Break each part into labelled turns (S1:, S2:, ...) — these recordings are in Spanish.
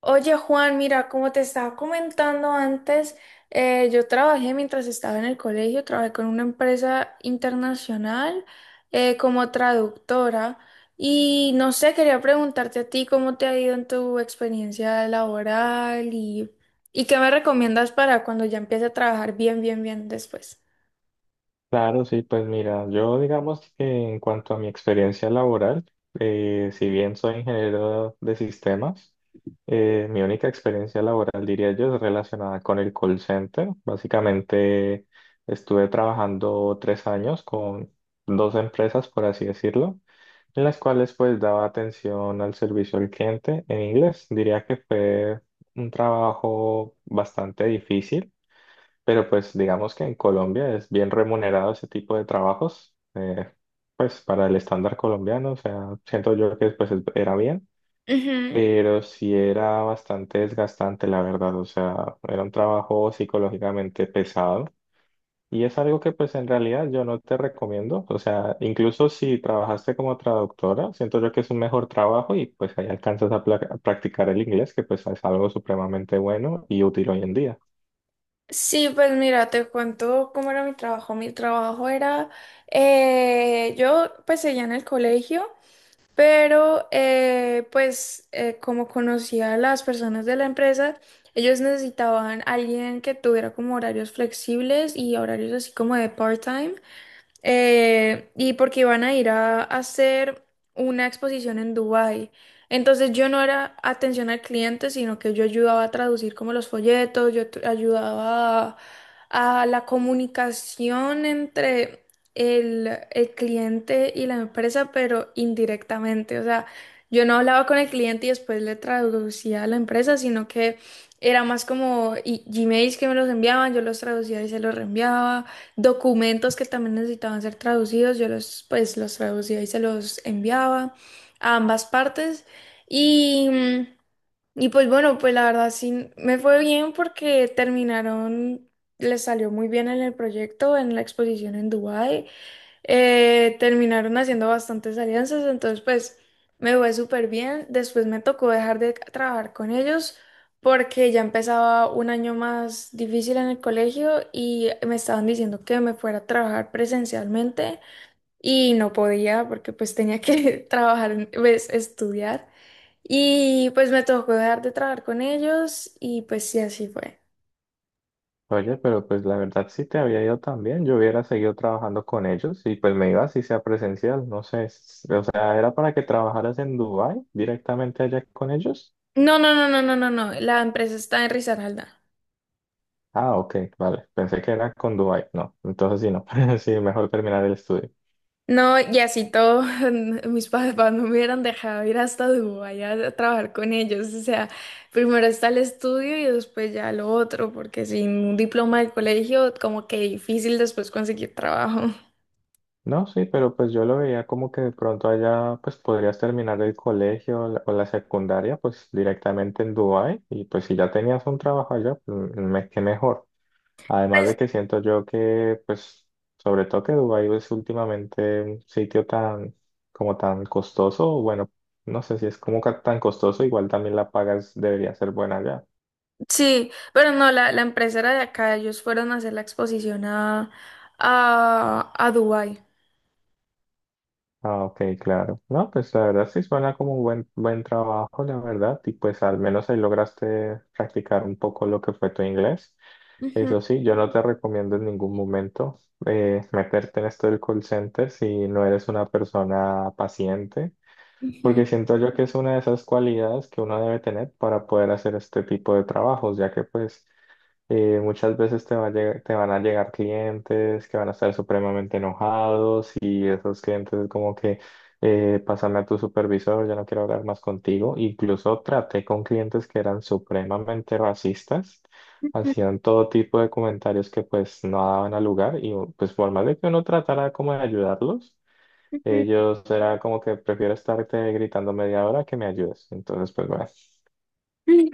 S1: Oye Juan, mira, como te estaba comentando antes, yo trabajé mientras estaba en el colegio, trabajé con una empresa internacional como traductora y no sé, quería preguntarte a ti cómo te ha ido en tu experiencia laboral y qué me recomiendas para cuando ya empiece a trabajar bien, bien, bien después.
S2: Claro, sí, pues mira, yo digamos que en cuanto a mi experiencia laboral, si bien soy ingeniero de sistemas, mi única experiencia laboral, diría yo, es relacionada con el call center. Básicamente estuve trabajando 3 años con dos empresas, por así decirlo, en las cuales pues daba atención al servicio al cliente en inglés. Diría que fue un trabajo bastante difícil, pero pues digamos que en Colombia es bien remunerado ese tipo de trabajos, pues para el estándar colombiano. O sea, siento yo que pues era bien,
S1: Ujú.
S2: pero sí era bastante desgastante, la verdad. O sea, era un trabajo psicológicamente pesado y es algo que pues en realidad yo no te recomiendo. O sea, incluso si trabajaste como traductora, siento yo que es un mejor trabajo y pues ahí alcanzas a practicar el inglés, que pues es algo supremamente bueno y útil hoy en día.
S1: Sí, pues mira, te cuento cómo era mi trabajo. Mi trabajo era, yo pues seguía en el colegio. Pero, como conocía a las personas de la empresa, ellos necesitaban alguien que tuviera como horarios flexibles y horarios así como de part-time y porque iban a ir a hacer una exposición en Dubái. Entonces yo no era atención al cliente, sino que yo ayudaba a traducir como los folletos, ayudaba a la comunicación entre el cliente y la empresa, pero indirectamente. O sea, yo no hablaba con el cliente y después le traducía a la empresa, sino que era más como Gmails que me los enviaban, yo los traducía y se los reenviaba documentos que también necesitaban ser traducidos, yo los pues los traducía y se los enviaba a ambas partes y mm, y pues bueno, pues la verdad sí me fue bien porque terminaron, les salió muy bien en el proyecto, en la exposición en Dubái. Terminaron haciendo bastantes alianzas, entonces pues me fue súper bien. Después me tocó dejar de trabajar con ellos porque ya empezaba un año más difícil en el colegio y me estaban diciendo que me fuera a trabajar presencialmente y no podía porque pues tenía que trabajar, pues, estudiar. Y pues me tocó dejar de trabajar con ellos y pues sí, así fue.
S2: Oye, pero pues la verdad sí te había ido también. Yo hubiera seguido trabajando con ellos y pues me iba así sea presencial. No sé, o sea, era para que trabajaras en Dubai directamente allá con ellos.
S1: No, no, no, no, no, no, no. La empresa está en Risaralda.
S2: Ah, ok, vale. Pensé que era con Dubai. No, entonces sí, no. Sí, mejor terminar el estudio.
S1: No, y así todo, mis papás no me hubieran dejado ir hasta Dubái a trabajar con ellos. O sea, primero está el estudio y después ya lo otro, porque sin un diploma del colegio, como que difícil después conseguir trabajo.
S2: No, sí, pero pues yo lo veía como que de pronto allá pues podrías terminar el colegio o la secundaria pues directamente en Dubai, y pues si ya tenías un trabajo allá, pues, qué mejor. Además de que siento yo que, pues, sobre todo que Dubái es últimamente un sitio tan, como tan costoso, bueno, no sé si es como tan costoso, igual también la pagas debería ser buena allá.
S1: Sí, pero no, la empresa era de acá, ellos fueron a hacer la exposición a Dubái.
S2: Ah, ok, claro. No, pues la verdad sí suena como un buen, buen trabajo, la verdad, y pues al menos ahí lograste practicar un poco lo que fue tu inglés.
S1: Ujú,
S2: Eso sí, yo no te recomiendo en ningún momento meterte en esto del call center si no eres una persona paciente.
S1: ujú,
S2: Porque siento yo que es una de esas cualidades que uno debe tener para poder hacer este tipo de trabajos, ya que pues muchas veces te van a llegar clientes que van a estar supremamente enojados, y esos clientes es como que pásame a tu supervisor, ya no quiero hablar más contigo. Incluso traté con clientes que eran supremamente racistas, hacían todo tipo de comentarios que pues no daban a lugar, y pues por más de que uno tratara como de ayudarlos.
S1: ujú,
S2: Yo será como que prefiero estarte gritando media hora que me ayudes. Entonces, pues bueno.
S1: ujú.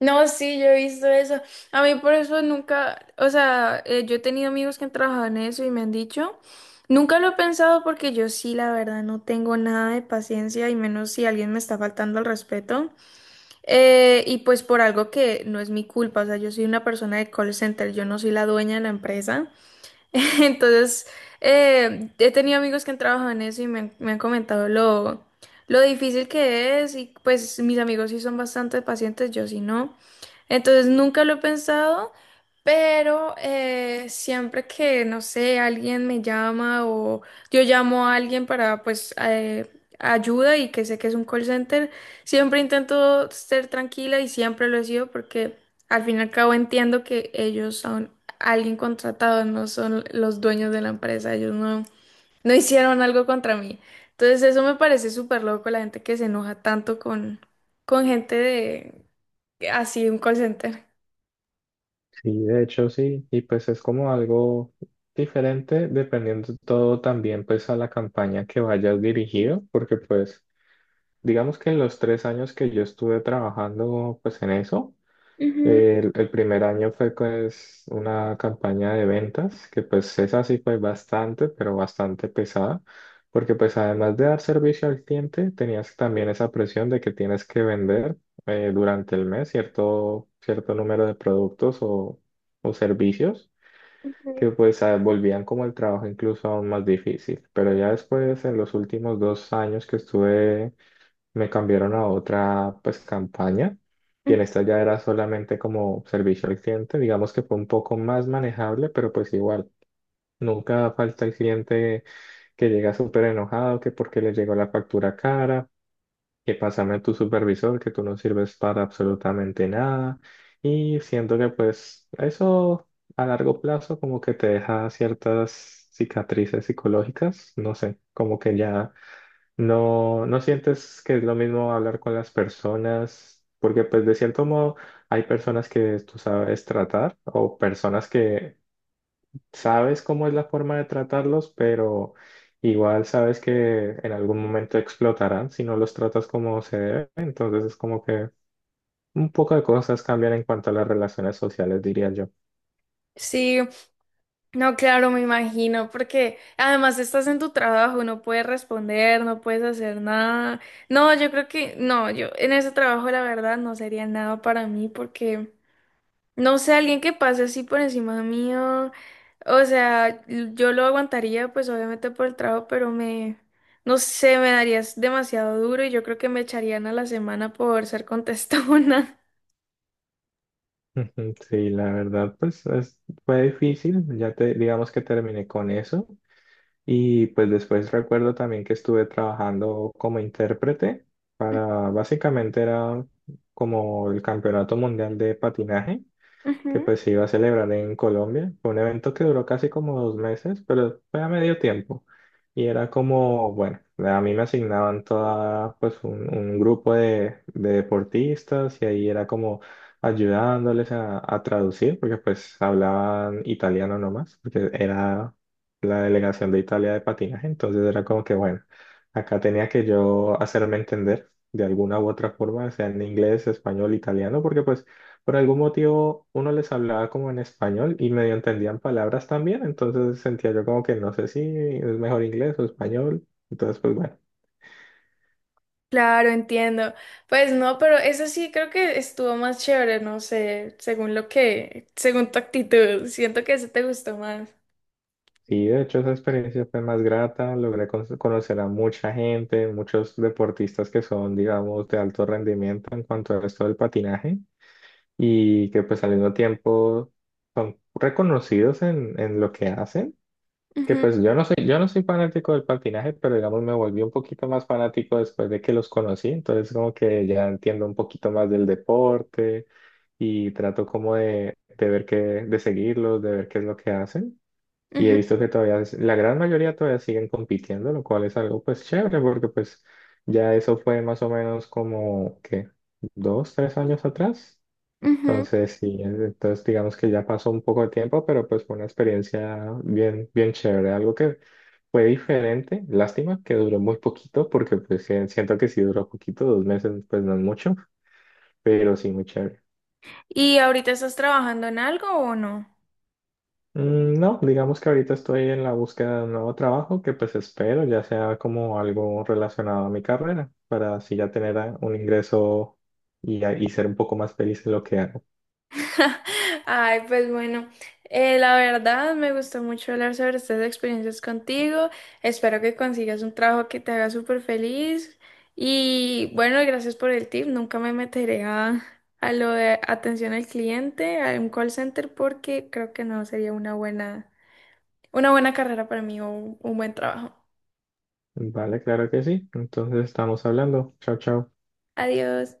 S1: No, sí, yo he visto eso. A mí por eso nunca, o sea, yo he tenido amigos que han trabajado en eso y me han dicho, nunca lo he pensado porque yo sí, la verdad, no tengo nada de paciencia y menos si alguien me está faltando al respeto. Y pues por algo que no es mi culpa, o sea, yo soy una persona de call center, yo no soy la dueña de la empresa. Entonces, he tenido amigos que han trabajado en eso y me han comentado lo difícil que es y pues mis amigos sí son bastante pacientes, yo sí no. Entonces, nunca lo he pensado, pero siempre que, no sé, alguien me llama o yo llamo a alguien para pues, ayuda y que sé que es un call center, siempre intento ser tranquila y siempre lo he sido porque... Al fin y al cabo entiendo que ellos son- alguien contratado, no son los dueños de la empresa, ellos no, no hicieron algo contra mí. Entonces eso me parece súper loco, la gente que se enoja tanto con gente de así, un call center.
S2: Sí, de hecho sí, y pues es como algo diferente dependiendo todo también pues a la campaña que vayas dirigido, porque pues digamos que en los 3 años que yo estuve trabajando pues en eso.
S1: Ujú,
S2: El primer año fue pues una campaña de ventas que pues esa sí fue bastante, pero bastante pesada, porque pues además de dar servicio al cliente, tenías también esa presión de que tienes que vender durante el mes cierto, cierto número de productos o servicios
S1: ujú,
S2: que pues volvían como el trabajo incluso aún más difícil. Pero ya después, en los últimos 2 años que estuve me cambiaron a otra pues campaña, y en
S1: ujú.
S2: esta ya era solamente como servicio al cliente. Digamos que fue un poco más manejable, pero pues igual, nunca falta el cliente que llega súper enojado, que porque le llegó la factura cara, que pásame a tu supervisor, que tú no sirves para absolutamente nada, y siento que pues eso a largo plazo como que te deja ciertas cicatrices psicológicas, no sé, como que ya no, no sientes que es lo mismo hablar con las personas, porque pues de cierto modo hay personas que tú sabes tratar o personas que sabes cómo es la forma de tratarlos, pero igual sabes que en algún momento explotarán si no los tratas como se debe. Entonces es como que un poco de cosas cambian en cuanto a las relaciones sociales, diría yo.
S1: Sí, no, claro, me imagino, porque además estás en tu trabajo, no puedes responder, no puedes hacer nada. No, yo creo que no, yo en ese trabajo la verdad no sería nada para mí porque... No sé, alguien que pase así por encima mío, o sea, yo lo aguantaría, pues obviamente por el trabajo, pero me, no sé, me darías demasiado duro y yo creo que me echarían a la semana por ser contestona.
S2: Ujú. Sí, la verdad, pues fue difícil. Ya te, digamos que terminé con eso. Y pues después recuerdo también que estuve trabajando como intérprete para, básicamente era como el Campeonato Mundial de Patinaje que
S1: Ujú.
S2: pues se iba a celebrar en Colombia. Fue un evento que duró casi como 2 meses, pero fue a medio tiempo. Y era como, bueno, a mí me asignaban toda, pues un grupo de deportistas, y ahí era como ayudándoles a traducir, porque pues hablaban italiano nomás, porque era la delegación de Italia de patinaje. Entonces era como que, bueno, acá tenía que yo hacerme entender de alguna u otra forma, sea en inglés, español, italiano, porque pues por algún motivo uno les hablaba como en español y medio entendían palabras también, entonces sentía yo como que no sé si es mejor inglés o español. Entonces, pues bueno,
S1: Claro, entiendo. Pues no, pero eso sí creo que estuvo más chévere, no sé, según lo que, según tu actitud, siento que ese te gustó más.
S2: sí, de hecho esa experiencia fue más grata, logré conocer a mucha gente, muchos deportistas que son, digamos, de alto rendimiento en cuanto al resto del patinaje, y que pues al mismo tiempo son reconocidos en lo que hacen. Que
S1: Ujú,
S2: pues yo no soy fanático del patinaje, pero digamos me volví un poquito más fanático después de que los conocí, entonces como que ya entiendo un poquito más del deporte, y trato como de ver qué, de seguirlos, de ver qué es lo que hacen. Y he
S1: ujú,
S2: visto que todavía, la gran mayoría todavía siguen compitiendo, lo cual es algo pues chévere, porque pues ya eso fue más o menos como, ¿qué? Dos, tres años atrás.
S1: ujú.
S2: Entonces, sí, entonces digamos que ya pasó un poco de tiempo, pero pues fue una experiencia bien, bien chévere, algo que fue diferente. Lástima que duró muy poquito, porque pues sí, siento que sí duró poquito, 2 meses pues no es mucho, pero sí muy chévere.
S1: ¿Y ahorita estás trabajando en algo o no?
S2: Mm, no, digamos que ahorita estoy en la búsqueda de un nuevo trabajo que pues espero ya sea como algo relacionado a mi carrera, para así ya tener un ingreso, y ser un poco más feliz en lo que hago.
S1: Ay, pues bueno, la verdad me gustó mucho hablar sobre estas experiencias contigo. Espero que consigas un trabajo que te haga súper feliz. Y bueno, gracias por el tip. Nunca me meteré a lo de atención al cliente, a un call center, porque creo que no sería una buena carrera para mí o un buen trabajo.
S2: Vale, claro que sí, entonces estamos hablando, chao, chao.
S1: Adiós.